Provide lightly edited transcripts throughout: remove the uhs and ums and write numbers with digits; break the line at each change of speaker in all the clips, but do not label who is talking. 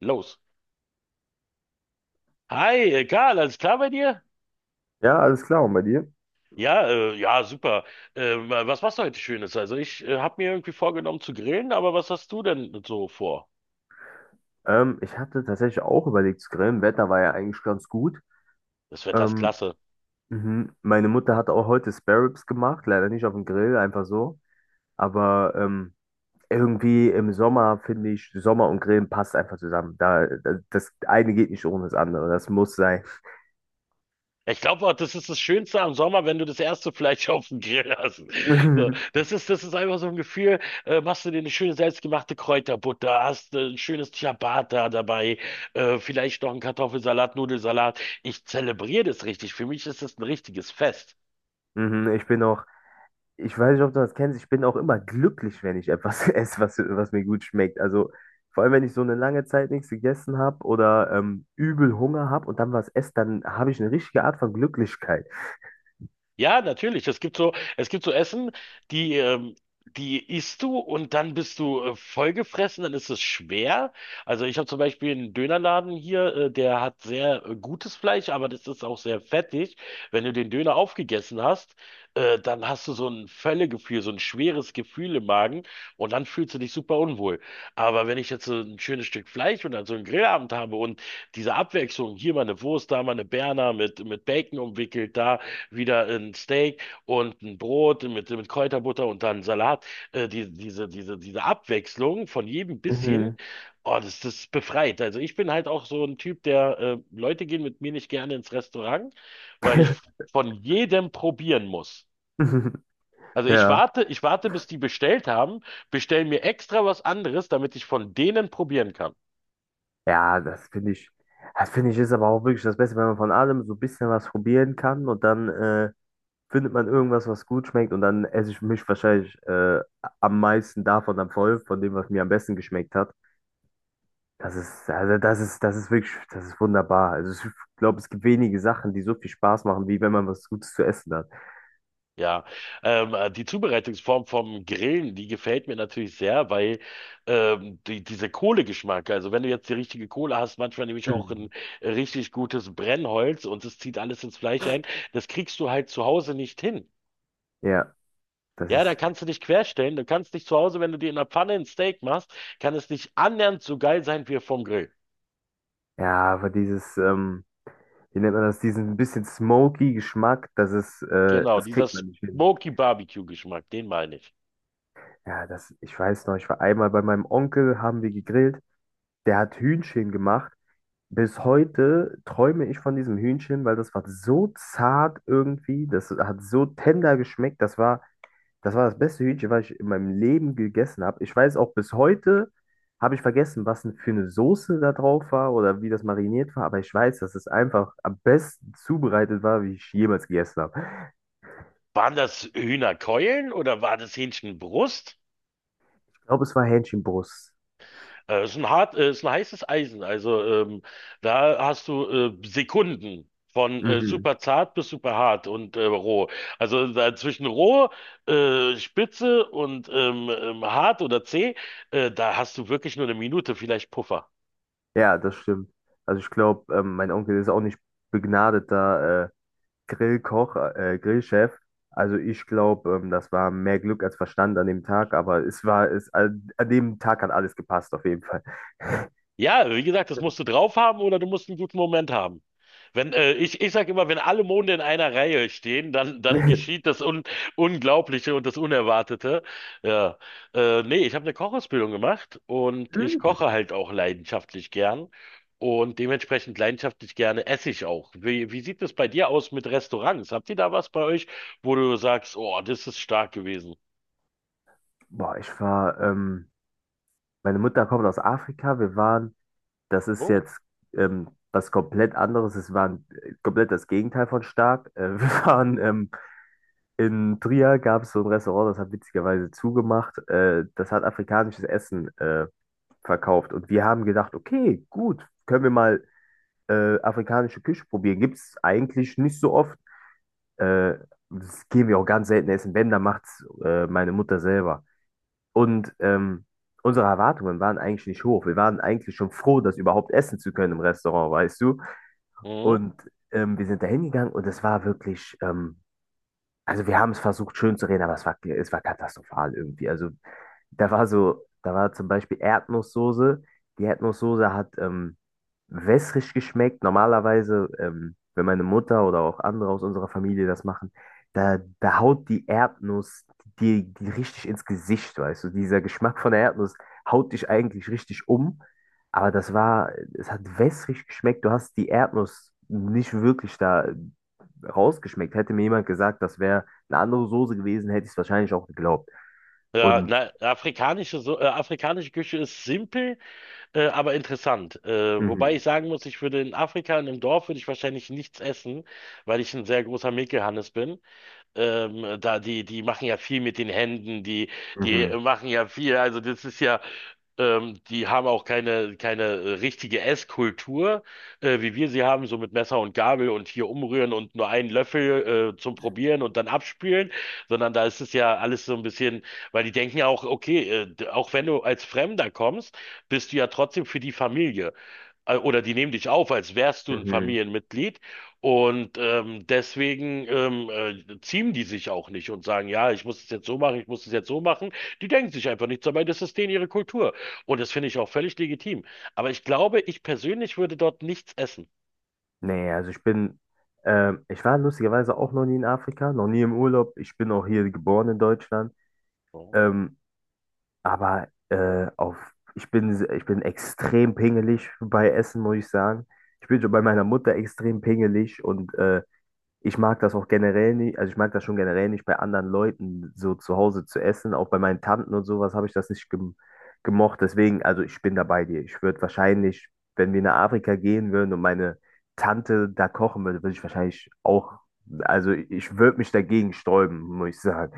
Los. Hi, Karl, alles klar bei dir?
Ja, alles klar, und bei dir?
Ja, super. Was machst du heute Schönes? Also ich habe mir irgendwie vorgenommen zu grillen, aber was hast du denn so vor?
Ich hatte tatsächlich auch überlegt zu grillen. Wetter war ja eigentlich ganz gut.
Das Wetter ist
Ähm,
klasse.
mhm. Meine Mutter hat auch heute Spare Ribs gemacht, leider nicht auf dem Grill, einfach so. Aber irgendwie im Sommer finde ich, Sommer und Grillen passt einfach zusammen. Das eine geht nicht ohne das andere. Das muss sein.
Ich glaube, das ist das Schönste am Sommer, wenn du das erste Fleisch auf dem Grill hast. So, das ist einfach so ein Gefühl. Machst du dir eine schöne selbstgemachte Kräuterbutter, hast ein schönes Ciabatta dabei, vielleicht noch einen Kartoffelsalat, Nudelsalat. Ich zelebriere das richtig. Für mich ist das ein richtiges Fest.
Mhm. Ich bin auch Ich weiß nicht, ob du das kennst. Ich bin auch immer glücklich, wenn ich etwas esse, was mir gut schmeckt. Also vor allem, wenn ich so eine lange Zeit nichts gegessen habe oder übel Hunger habe und dann was esse, dann habe ich eine richtige Art von Glücklichkeit.
Ja, natürlich. Es gibt so Essen, die, ähm, die isst du und dann bist du vollgefressen, dann ist es schwer. Also ich habe zum Beispiel einen Dönerladen hier, der hat sehr gutes Fleisch, aber das ist auch sehr fettig. Wenn du den Döner aufgegessen hast, dann hast du so ein Völlegefühl, so ein schweres Gefühl im Magen und dann fühlst du dich super unwohl. Aber wenn ich jetzt so ein schönes Stück Fleisch und dann so einen Grillabend habe und diese Abwechslung, hier mal eine Wurst, da mal eine Berner mit Bacon umwickelt, da wieder ein Steak und ein Brot mit Kräuterbutter und dann Salat. Diese Abwechslung von jedem bisschen,
Mhm.
oh, das, das befreit. Also ich bin halt auch so ein Typ, der Leute gehen mit mir nicht gerne ins Restaurant, weil ich von jedem probieren muss. Also
Ja.
ich warte, bis die bestellt haben, bestell mir extra was anderes, damit ich von denen probieren kann.
Ja, das finde ich ist aber auch wirklich das Beste, wenn man von allem so ein bisschen was probieren kann und dann findet man irgendwas, was gut schmeckt und dann esse ich mich wahrscheinlich am meisten davon dann voll, von dem, was mir am besten geschmeckt hat. Das ist wirklich, das ist wunderbar. Also ich glaube, es gibt wenige Sachen, die so viel Spaß machen, wie wenn man was Gutes zu essen hat.
Ja, die Zubereitungsform vom Grillen, die gefällt mir natürlich sehr, weil diese Kohlegeschmack, also wenn du jetzt die richtige Kohle hast, manchmal nehme ich auch
Mhm.
ein richtig gutes Brennholz und es zieht alles ins Fleisch ein, das kriegst du halt zu Hause nicht hin.
Ja, das
Ja, da
ist,
kannst du dich querstellen, du kannst dich zu Hause, wenn du dir in der Pfanne ein Steak machst, kann es nicht annähernd so geil sein wie vom Grill.
ja, aber dieses, wie nennt man das, diesen bisschen smoky Geschmack,
Genau,
das
dieser
kriegt man nicht hin.
Smoky Barbecue Geschmack, den meine ich.
Ja, ich weiß noch, ich war einmal bei meinem Onkel, haben wir gegrillt, der hat Hühnchen gemacht. Bis heute träume ich von diesem Hühnchen, weil das war so zart irgendwie, das hat so tender geschmeckt, Das war das beste Hühnchen, was ich in meinem Leben gegessen habe. Ich weiß auch bis heute, habe ich vergessen, was denn für eine Soße da drauf war oder wie das mariniert war, aber ich weiß, dass es einfach am besten zubereitet war, wie ich jemals gegessen habe.
Waren das Hühnerkeulen oder war das Hähnchenbrust?
Ich glaube, es war Hähnchenbrust.
Ist ein hart, ist ein heißes Eisen. Da hast du Sekunden von
Mhm.
super zart bis super hart und roh. Also da zwischen roh, spitze und hart oder zäh, da hast du wirklich nur eine Minute, vielleicht Puffer.
Ja, das stimmt. Also ich glaube, mein Onkel ist auch nicht begnadeter Grillkoch, Grillchef. Also ich glaube, das war mehr Glück als Verstand an dem Tag, aber es war, es, an, an dem Tag hat alles gepasst, auf jeden Fall.
Ja, wie gesagt, das musst du drauf haben oder du musst einen guten Moment haben. Wenn, ich, ich sage immer, wenn alle Monde in einer Reihe stehen, dann, dann geschieht das Un Unglaubliche und das Unerwartete. Ja. Nee, ich habe eine Kochausbildung gemacht und ich koche halt auch leidenschaftlich gern. Und dementsprechend leidenschaftlich gerne esse ich auch. Wie, wie sieht es bei dir aus mit Restaurants? Habt ihr da was bei euch, wo du sagst, oh, das ist stark gewesen?
Boah, meine Mutter kommt aus Afrika. Das ist
Oh.
jetzt was komplett anderes. Es war komplett das Gegenteil von stark. Wir waren in Trier, gab es so ein Restaurant, das hat witzigerweise zugemacht. Das hat afrikanisches Essen verkauft. Und wir haben gedacht, okay, gut, können wir mal afrikanische Küche probieren. Gibt es eigentlich nicht so oft. Äh, das gehen wir auch ganz selten essen. Wenn, dann macht es meine Mutter selber. Und unsere Erwartungen waren eigentlich nicht hoch. Wir waren eigentlich schon froh, das überhaupt essen zu können im Restaurant, weißt du?
Mhm.
Und wir sind da hingegangen und es war wirklich, also wir haben es versucht schön zu reden, aber es war katastrophal irgendwie. Also da war zum Beispiel Erdnusssoße. Die Erdnusssoße hat wässrig geschmeckt. Normalerweise, wenn meine Mutter oder auch andere aus unserer Familie das machen, da haut die Erdnuss die richtig ins Gesicht, weißt du. Dieser Geschmack von der Erdnuss haut dich eigentlich richtig um. Aber das war, es hat wässrig geschmeckt. Du hast die Erdnuss nicht wirklich da rausgeschmeckt. Hätte mir jemand gesagt, das wäre eine andere Soße gewesen, hätte ich es wahrscheinlich auch geglaubt.
Ja,
Und
na, afrikanische Küche ist simpel, aber interessant. Wobei
mhm,
ich sagen muss, ich würde in Afrika, in einem Dorf, würde ich wahrscheinlich nichts essen, weil ich ein sehr großer Mekel-Hannes bin. Da die, die machen ja viel mit den Händen, die, die
mhm.
machen ja viel. Also das ist ja, die haben auch keine richtige Esskultur, wie wir sie haben, so mit Messer und Gabel und hier umrühren und nur einen Löffel, zum Probieren und dann abspülen, sondern da ist es ja alles so ein bisschen, weil die denken ja auch, okay, auch wenn du als Fremder kommst, bist du ja trotzdem für die Familie. Oder die nehmen dich auf, als wärst du ein
Mhm.
Familienmitglied. Deswegen ziehen die sich auch nicht und sagen, ja, ich muss es jetzt so machen, ich muss es jetzt so machen. Die denken sich einfach nichts dabei, das ist denen ihre Kultur. Und das finde ich auch völlig legitim. Aber ich glaube, ich persönlich würde dort nichts essen.
Nee, ich war lustigerweise auch noch nie in Afrika, noch nie im Urlaub. Ich bin auch hier geboren in Deutschland.
So.
Ähm, aber auf, ich bin, se- ich bin extrem pingelig bei Essen, muss ich sagen. Ich bin schon bei meiner Mutter extrem pingelig und Ich mag das auch generell nicht, also ich mag das schon generell nicht, bei anderen Leuten so zu Hause zu essen. Auch bei meinen Tanten und sowas habe ich das nicht gemocht. Deswegen, also ich bin da bei dir. Wenn wir nach Afrika gehen würden und meine Tante da kochen würde, würde ich wahrscheinlich auch, also ich würde mich dagegen sträuben, muss ich sagen.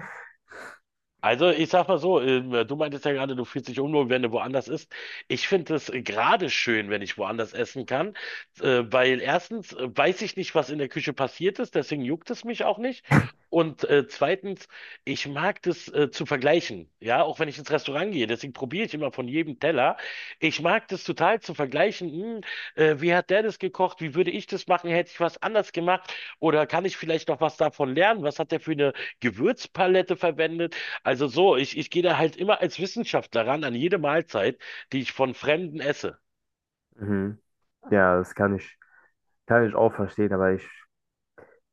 Also, ich sag mal so, du meintest ja gerade, du fühlst dich unwohl, wenn du woanders isst. Ich finde es gerade schön, wenn ich woanders essen kann, weil erstens weiß ich nicht, was in der Küche passiert ist, deswegen juckt es mich auch nicht. Und zweitens, ich mag das zu vergleichen, ja, auch wenn ich ins Restaurant gehe, deswegen probiere ich immer von jedem Teller. Ich mag das total zu vergleichen, wie hat der das gekocht, wie würde ich das machen, hätte ich was anders gemacht oder kann ich vielleicht noch was davon lernen, was hat der für eine Gewürzpalette verwendet? Also so, ich gehe da halt immer als Wissenschaftler ran an jede Mahlzeit, die ich von Fremden esse.
Mhm. Ja, kann ich auch verstehen, aber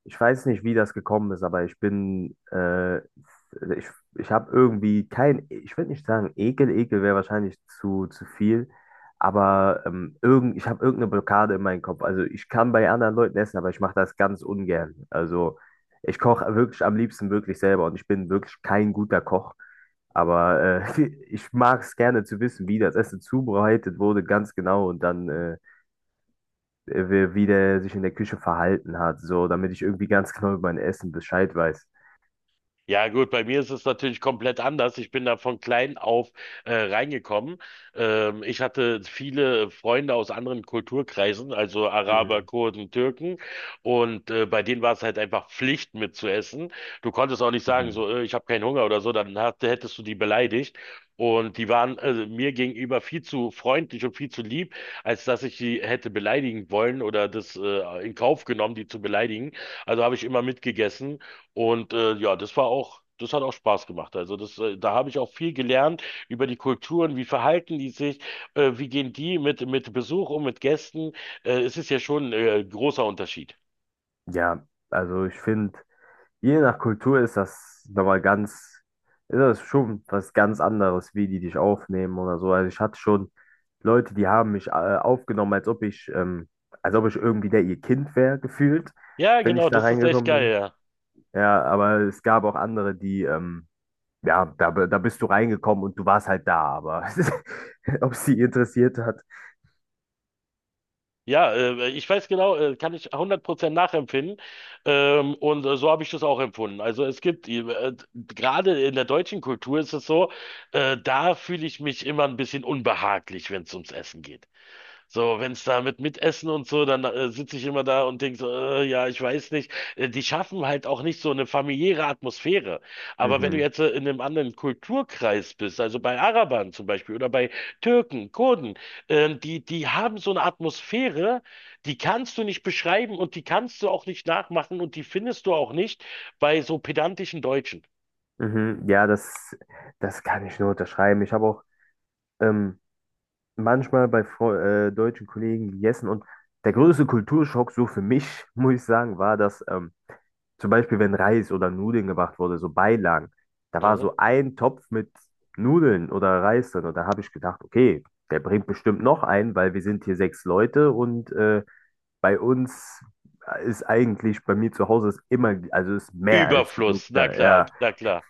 Ich weiß nicht, wie das gekommen ist, aber ich, ich habe irgendwie kein, ich würde nicht sagen Ekel, Ekel wäre wahrscheinlich zu viel, aber ich habe irgendeine Blockade in meinem Kopf. Also ich kann bei anderen Leuten essen, aber ich mache das ganz ungern. Also ich koche wirklich am liebsten wirklich selber und ich bin wirklich kein guter Koch, aber äh, ich mag es gerne zu wissen, wie das Essen zubereitet wurde, ganz genau und wie der sich in der Küche verhalten hat, so, damit ich irgendwie ganz genau über mein Essen Bescheid weiß.
Ja gut, bei mir ist es natürlich komplett anders. Ich bin da von klein auf reingekommen. Ich hatte viele Freunde aus anderen Kulturkreisen, also Araber,
Mhm.
Kurden, Türken. Und bei denen war es halt einfach Pflicht mitzuessen. Du konntest auch nicht sagen,
Mhm.
so, ich habe keinen Hunger oder so, hättest du die beleidigt. Und die waren mir gegenüber viel zu freundlich und viel zu lieb, als dass ich die hätte beleidigen wollen oder das in Kauf genommen, die zu beleidigen. Also habe ich immer mitgegessen. Und ja, das hat auch Spaß gemacht. Da habe ich auch viel gelernt über die Kulturen, wie verhalten die sich, wie gehen die mit Besuch um, mit Gästen. Es ist ja schon großer Unterschied.
Ja, also ich finde, je nach Kultur ist das nochmal ganz, ist das schon was ganz anderes, wie die dich aufnehmen oder so. Also ich hatte schon Leute, die haben mich aufgenommen, als ob ich irgendwie der ihr Kind wäre, gefühlt,
Ja,
wenn ich
genau,
da
das ist echt
reingekommen
geil,
bin.
ja.
Ja, aber es gab auch andere, die Ja, da bist du reingekommen und du warst halt da, aber ob sie interessiert hat.
Ja, ich weiß genau, kann ich 100% nachempfinden. Und so habe ich das auch empfunden. Also es gibt, gerade in der deutschen Kultur ist es so, da fühle ich mich immer ein bisschen unbehaglich, wenn es ums Essen geht. So, wenn es da mit Mitessen und so, dann sitze ich immer da und denke so, ja, ich weiß nicht. Die schaffen halt auch nicht so eine familiäre Atmosphäre. Aber wenn du
Mhm,
jetzt in einem anderen Kulturkreis bist, also bei Arabern zum Beispiel oder bei Türken, Kurden, die, die haben so eine Atmosphäre, die kannst du nicht beschreiben und die kannst du auch nicht nachmachen und die findest du auch nicht bei so pedantischen Deutschen.
mhm, ja, das kann ich nur unterschreiben. Ich habe auch ähm, manchmal bei Fre deutschen Kollegen gegessen und der größte Kulturschock so für mich, muss ich sagen, war, dass zum Beispiel, wenn Reis oder Nudeln gemacht wurde, so Beilagen, da war
Mhm.
so ein Topf mit Nudeln oder Reis drin und da habe ich gedacht, okay, der bringt bestimmt noch einen, weil wir sind hier sechs Leute und bei uns ist eigentlich, bei mir zu Hause ist immer, also ist mehr als genug
Überfluss, na
da,
klar,
ja.
na klar.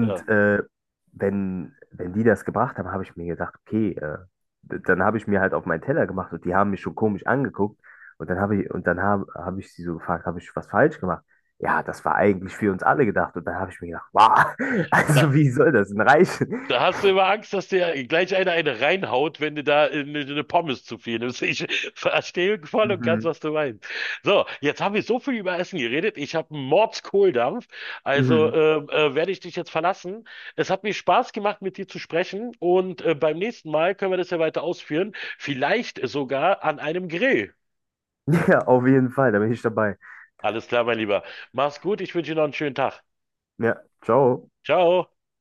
Ja.
wenn die das gebracht haben, habe ich mir gedacht, okay, dann habe ich mir halt auf meinen Teller gemacht und die haben mich schon komisch angeguckt. Und dann habe ich, und dann habe hab ich sie so gefragt, habe ich was falsch gemacht? Ja, das war eigentlich für uns alle gedacht. Und dann habe ich mir gedacht, wow,
Na,
also wie soll das denn reichen?
da hast du immer Angst, dass dir gleich einer eine reinhaut, wenn du da eine Pommes zu viel nimmst. Ich verstehe voll und ganz,
Mhm,
was du meinst. So, jetzt haben wir so viel über Essen geredet. Ich habe einen Mordskohldampf. Also
mhm.
ähm, äh, werde ich dich jetzt verlassen. Es hat mir Spaß gemacht, mit dir zu sprechen. Und beim nächsten Mal können wir das ja weiter ausführen. Vielleicht sogar an einem Grill.
Ja, auf jeden Fall, da bin ich dabei.
Alles klar, mein Lieber. Mach's gut. Ich wünsche dir noch einen schönen Tag.
Ja, ciao.
Ciao.